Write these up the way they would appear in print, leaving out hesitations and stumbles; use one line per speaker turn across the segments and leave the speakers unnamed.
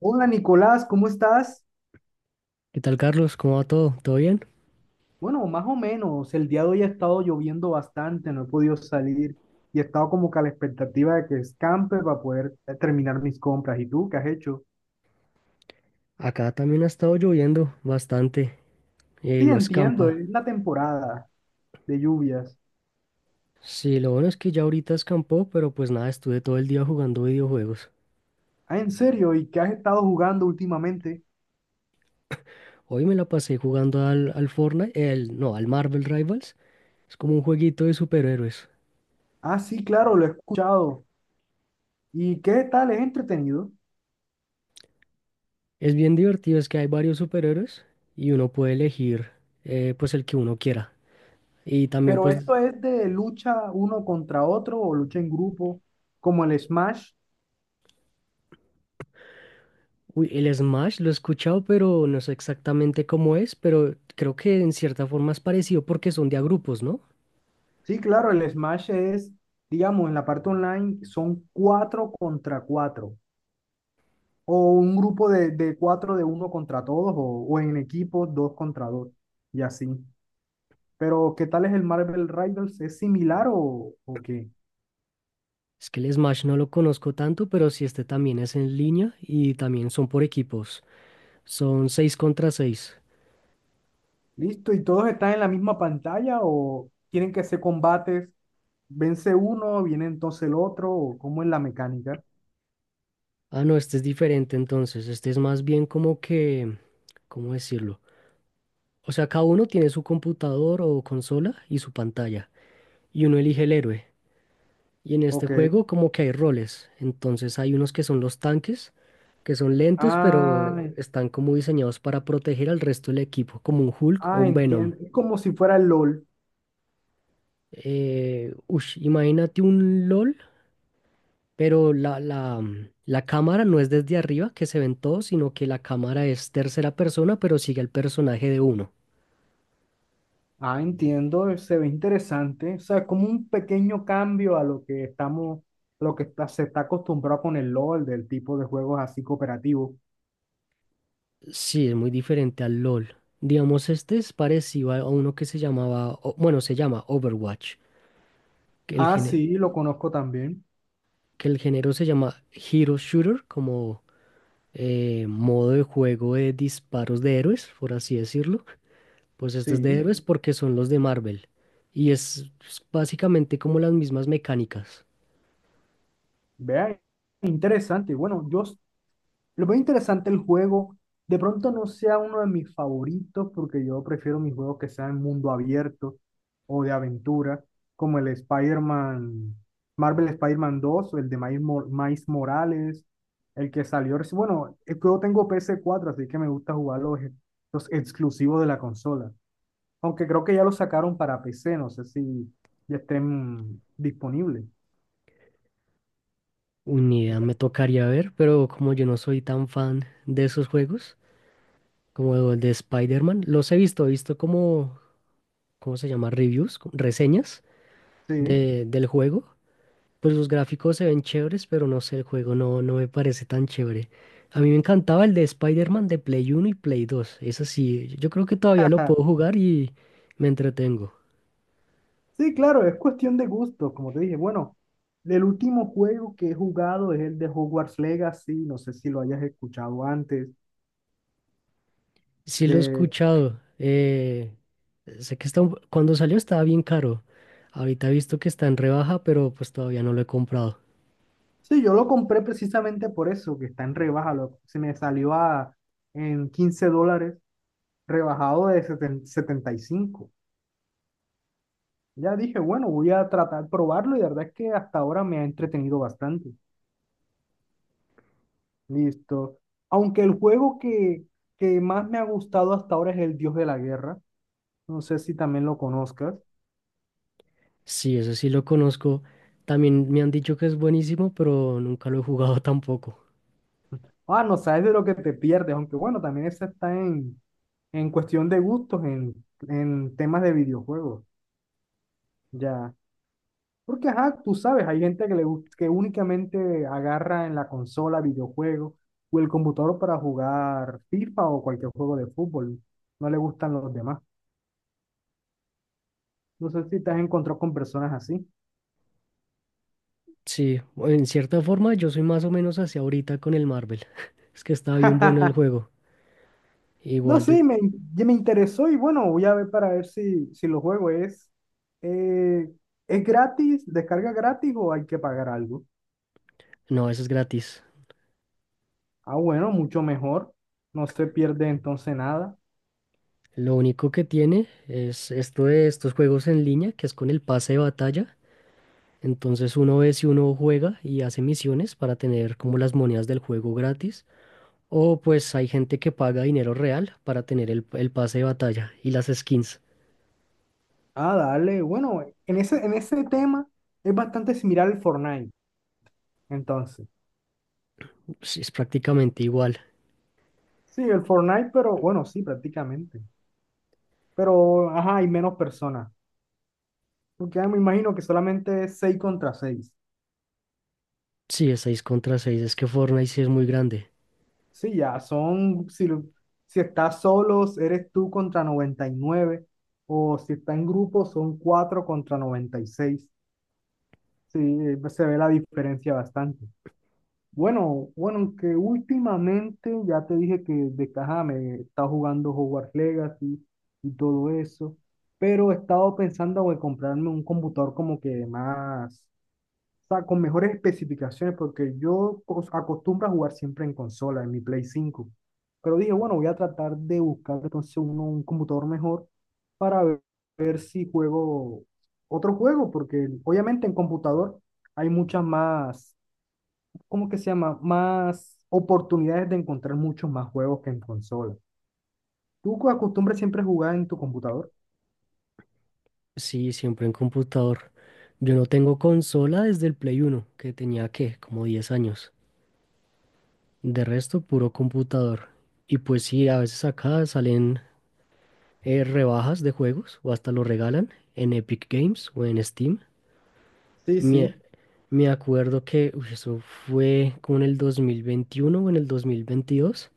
Hola Nicolás, ¿cómo estás?
¿Qué tal, Carlos? ¿Cómo va todo? ¿Todo bien?
Bueno, más o menos. El día de hoy ha estado lloviendo bastante, no he podido salir y he estado como que a la expectativa de que escampe para poder terminar mis compras. ¿Y tú qué has hecho?
Acá también ha estado lloviendo bastante,
Sí,
no
entiendo,
escampa.
es la temporada de lluvias.
Sí, lo bueno es que ya ahorita escampó, pero pues nada, estuve todo el día jugando videojuegos.
Ah, ¿en serio? ¿Y qué has estado jugando últimamente?
Hoy me la pasé jugando al, al Fortnite, el, no, al Marvel Rivals. Es como un jueguito de superhéroes.
Ah, sí, claro, lo he escuchado. ¿Y qué tal? ¿Es entretenido?
Es bien divertido, es que hay varios superhéroes y uno puede elegir, pues el que uno quiera. Y también
Pero
pues
¿esto es de lucha uno contra otro o lucha en grupo, como el Smash?
uy, el Smash lo he escuchado, pero no sé exactamente cómo es, pero creo que en cierta forma es parecido porque son de a grupos, ¿no?
Sí, claro, el Smash es, digamos, en la parte online son cuatro contra cuatro, o un grupo de cuatro de uno contra todos, o en equipos dos contra dos, y así. Pero ¿qué tal es el Marvel Rivals? ¿Es similar o qué?
Es que el Smash no lo conozco tanto, pero sí este también es en línea y también son por equipos. Son 6 contra 6.
Listo, ¿y todos están en la misma pantalla o tienen que hacer combates? Vence uno, viene entonces el otro, ¿o cómo es la mecánica?
Ah, no, este es diferente entonces. Este es más bien como que, ¿cómo decirlo? O sea, cada uno tiene su computador o consola y su pantalla y uno elige el héroe. Y en este
Ok.
juego como que hay roles. Entonces hay unos que son los tanques, que son lentos,
Ah,
pero están como diseñados para proteger al resto del equipo, como un Hulk o
ah,
un Venom.
entiendo. Es como si fuera el LOL.
Ush, imagínate un LOL, pero la cámara no es desde arriba que se ven todos, sino que la cámara es tercera persona, pero sigue al personaje de uno.
Ah, entiendo, se ve interesante. O sea, como un pequeño cambio a lo que estamos, lo que está, se está acostumbrado con el LOL, del tipo de juegos así cooperativos.
Sí, es muy diferente al LOL. Digamos, este es parecido a uno que se llamaba, o- bueno, se llama Overwatch, que el
Ah,
género.
sí, lo conozco también.
Que el género se llama Hero Shooter, como, modo de juego de disparos de héroes, por así decirlo. Pues este es de
Sí,
héroes porque son los de Marvel. Y es básicamente como las mismas mecánicas.
vea, interesante. Bueno, yo lo veo interesante el juego. De pronto no sea uno de mis favoritos porque yo prefiero mis juegos que sean mundo abierto o de aventura, como el Spider-Man, Marvel Spider-Man 2 o el de Miles, Miles Morales, el que salió. Bueno, yo tengo ps cuatro, así que me gusta jugar los exclusivos de la consola. Aunque creo que ya los sacaron para PC, no sé si ya estén disponibles.
Ni idea, me tocaría ver, pero como yo no soy tan fan de esos juegos, como el de Spider-Man, los he visto como, ¿cómo se llama? Reviews, co- reseñas
Sí.
del juego. Pues los gráficos se ven chéveres, pero no sé, el juego no, no me parece tan chévere. A mí me encantaba el de Spider-Man de Play Uno y Play Dos. Es así, yo creo que todavía lo puedo jugar y me entretengo.
Sí, claro, es cuestión de gustos, como te dije. Bueno, el último juego que he jugado es el de Hogwarts Legacy, no sé si lo hayas escuchado antes.
Sí, lo he
De...
escuchado. Sé que está, un- cuando salió estaba bien caro. Ahorita he visto que está en rebaja, pero pues todavía no lo he comprado.
Sí, yo lo compré precisamente por eso, que está en rebaja, se me salió a, en 15 dólares, rebajado de 75. Ya dije, bueno, voy a tratar de probarlo y la verdad es que hasta ahora me ha entretenido bastante. Listo. Aunque el juego que más me ha gustado hasta ahora es el Dios de la Guerra, no sé si también lo conozcas.
Sí, eso sí lo conozco. También me han dicho que es buenísimo, pero nunca lo he jugado tampoco.
Ah, no sabes de lo que te pierdes, aunque bueno, también eso está en cuestión de gustos, en temas de videojuegos, ya. Porque, ajá, tú sabes, hay gente que, que únicamente agarra en la consola videojuegos o el computador para jugar FIFA o cualquier juego de fútbol. No le gustan los demás. No sé si te has encontrado con personas así.
Sí, en cierta forma yo soy más o menos hacia ahorita con el Marvel. Es que está bien bueno el juego.
No
Igual de...
sé, ya me interesó y bueno, voy a ver para ver si, si lo juego. Eh, es gratis, descarga gratis o hay que pagar algo?
No, eso es gratis.
Ah, bueno, mucho mejor. No se pierde entonces nada.
Lo único que tiene es esto de estos juegos en línea, que es con el pase de batalla. Entonces uno ve si uno juega y hace misiones para tener como las monedas del juego gratis. O pues hay gente que paga dinero real para tener el pase de batalla y las skins.
Ah, dale. Bueno, en ese tema es bastante similar al Fortnite. Entonces,
Sí, es prácticamente igual.
sí, el Fortnite, pero bueno, sí, prácticamente. Pero, ajá, hay menos personas. Porque ah, me imagino que solamente es 6 contra seis.
Sí, es 6 contra 6. Es que Fortnite sí es muy grande.
Sí, ya son, si, si estás solo, eres tú contra 99, o si está en grupo, son 4 contra 96. Sí, se ve la diferencia bastante. Bueno, bueno, aunque últimamente ya te dije que de caja me está jugando Hogwarts Legacy y todo eso, pero he estado pensando en comprarme un computador como que más, o sea, con mejores especificaciones, porque yo acostumbro a jugar siempre en consola, en mi Play 5. Pero dije, bueno, voy a tratar de buscar entonces un computador mejor para ver, ver si juego otro juego, porque obviamente en computador hay muchas más, ¿cómo que se llama? Más oportunidades de encontrar muchos más juegos que en consola. ¿Tú acostumbras siempre a jugar en tu computador?
Sí, siempre en computador. Yo no tengo consola desde el Play Uno que tenía, ¿qué? Como 10 años. De resto, puro computador. Y pues sí, a veces acá salen, rebajas de juegos o hasta lo regalan en Epic Games o en Steam.
Sí,
Me, me acuerdo que uy, eso fue como en el 2021 o en el 2022.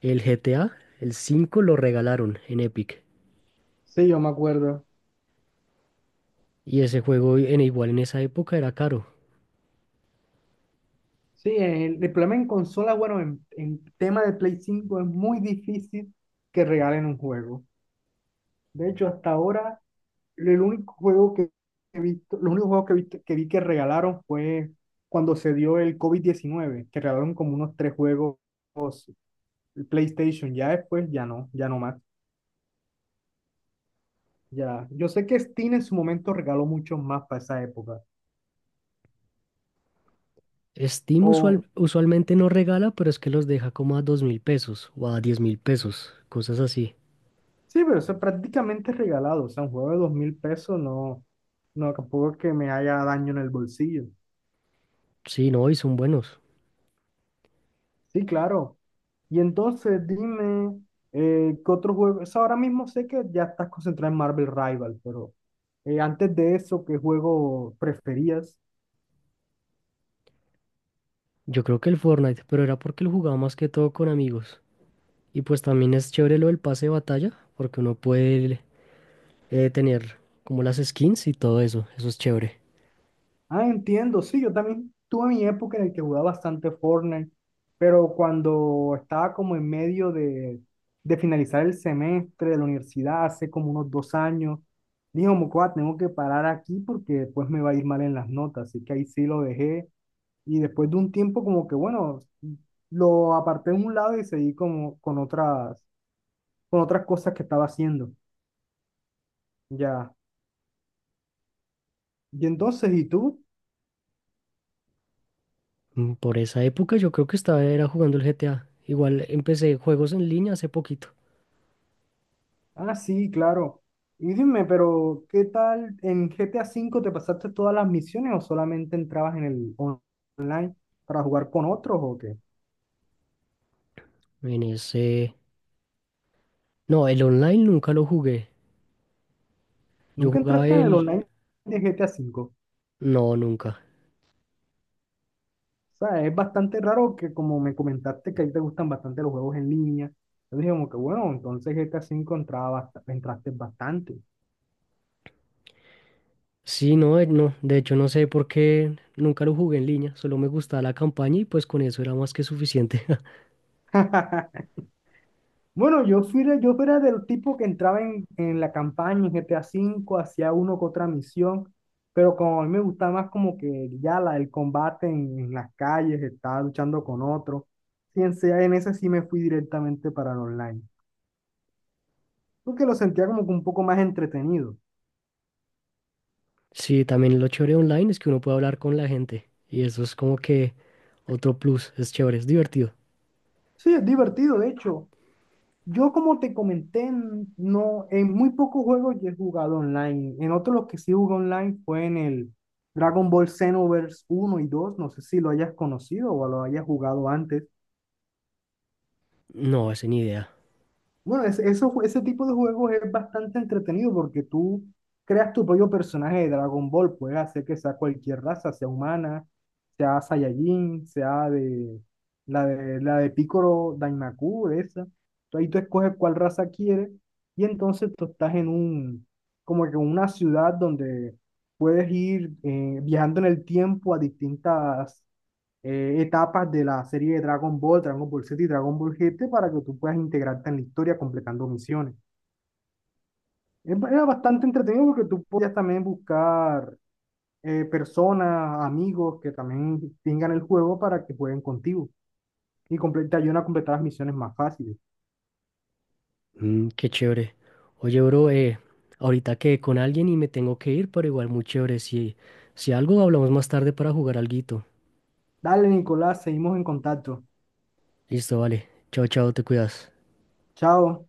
El GTA, el 5 lo regalaron en Epic.
sí, yo me acuerdo.
Y ese juego en igual en esa época era caro.
Sí, el problema en consola, bueno, en tema de Play 5 es muy difícil que regalen un juego. De hecho, hasta ahora, el único juego que he visto, los únicos juegos que, que vi que regalaron fue cuando se dio el COVID-19, que regalaron como unos tres juegos el PlayStation. Ya después, ya no, ya no más. Ya. Yo sé que Steam en su momento regaló muchos más para esa época.
Steam
O,
usual- usualmente no regala, pero es que los deja como a 2000 pesos o a 10.000 pesos, cosas así.
sí, pero eso es prácticamente regalado. O sea, un juego de 2.000 pesos no, no, tampoco es que me haya daño en el bolsillo.
Sí, no, y son buenos.
Sí, claro. Y entonces dime, ¿qué otro juego? Eso ahora mismo sé que ya estás concentrado en Marvel Rival, pero antes de eso, ¿qué juego preferías?
Yo creo que el Fortnite, pero era porque lo jugaba más que todo con amigos. Y pues también es chévere lo del pase de batalla, porque uno puede, tener como las skins y todo eso. Eso es chévere.
Ah, entiendo, sí, yo también tuve mi época en la que jugaba bastante Fortnite, pero cuando estaba como en medio de finalizar el semestre de la universidad, hace como unos 2 años, dije, como, "Cuá, tengo que parar aquí porque después me va a ir mal en las notas", así que ahí sí lo dejé. Y después de un tiempo como que, bueno, lo aparté de un lado y seguí como con otras cosas que estaba haciendo. Ya. Y entonces, ¿y tú?
Mm, por esa época yo creo que estaba era jugando el GTA. Igual empecé juegos en línea hace poquito.
Ah, sí, claro. Y dime, pero ¿qué tal en GTA V te pasaste todas las misiones o solamente entrabas en el online para jugar con otros o qué?
En ese... No, el online nunca lo jugué. Yo
¿Nunca
jugaba
entraste en el
el...
online de GTA V?
No, nunca.
O sea, es bastante raro que, como me comentaste que a ti te gustan bastante los juegos en línea, yo dije como que bueno, entonces GTA V entraba entraste bastante.
Sí, no, no, de hecho no sé por qué nunca lo jugué en línea, solo me gustaba la campaña y pues con eso era más que suficiente.
Bueno, yo fui, yo era del tipo que entraba en la campaña en GTA V, hacía uno que otra misión, pero como a mí me gustaba más como que ya la, el combate en las calles, estaba luchando con otro, y en ese sí me fui directamente para el online, porque lo sentía como que un poco más entretenido.
Sí, también lo chévere online es que uno puede hablar con la gente y eso es como que otro plus, es chévere, es divertido.
Sí, es divertido, de hecho. Yo, como te comenté, no, en muy pocos juegos yo he jugado online. En otros los que sí jugué online fue en el Dragon Ball Xenoverse uno y dos. No sé si lo hayas conocido o lo hayas jugado antes.
No, ese ni idea.
Bueno, ese tipo de juegos es bastante entretenido porque tú creas tu propio personaje de Dragon Ball. Puedes hacer que sea cualquier raza, sea humana, sea Saiyajin, sea de la de Piccolo Daimaku, de esa. Tú ahí tú escoges cuál raza quieres y entonces tú estás en un, como que en una ciudad donde puedes ir viajando en el tiempo a distintas etapas de la serie de Dragon Ball, Dragon Ball Z y Dragon Ball GT para que tú puedas integrarte en la historia completando misiones. Es Era bastante entretenido porque tú podías también buscar personas, amigos que también tengan el juego para que jueguen contigo y te ayudan a completar las misiones más fáciles.
Mm, qué chévere. Oye, bro, ahorita quedé con alguien y me tengo que ir, pero igual muy chévere. Si, si algo hablamos más tarde para jugar alguito.
Dale, Nicolás, seguimos en contacto.
Listo, vale. Chao, chao, te cuidas.
Chao.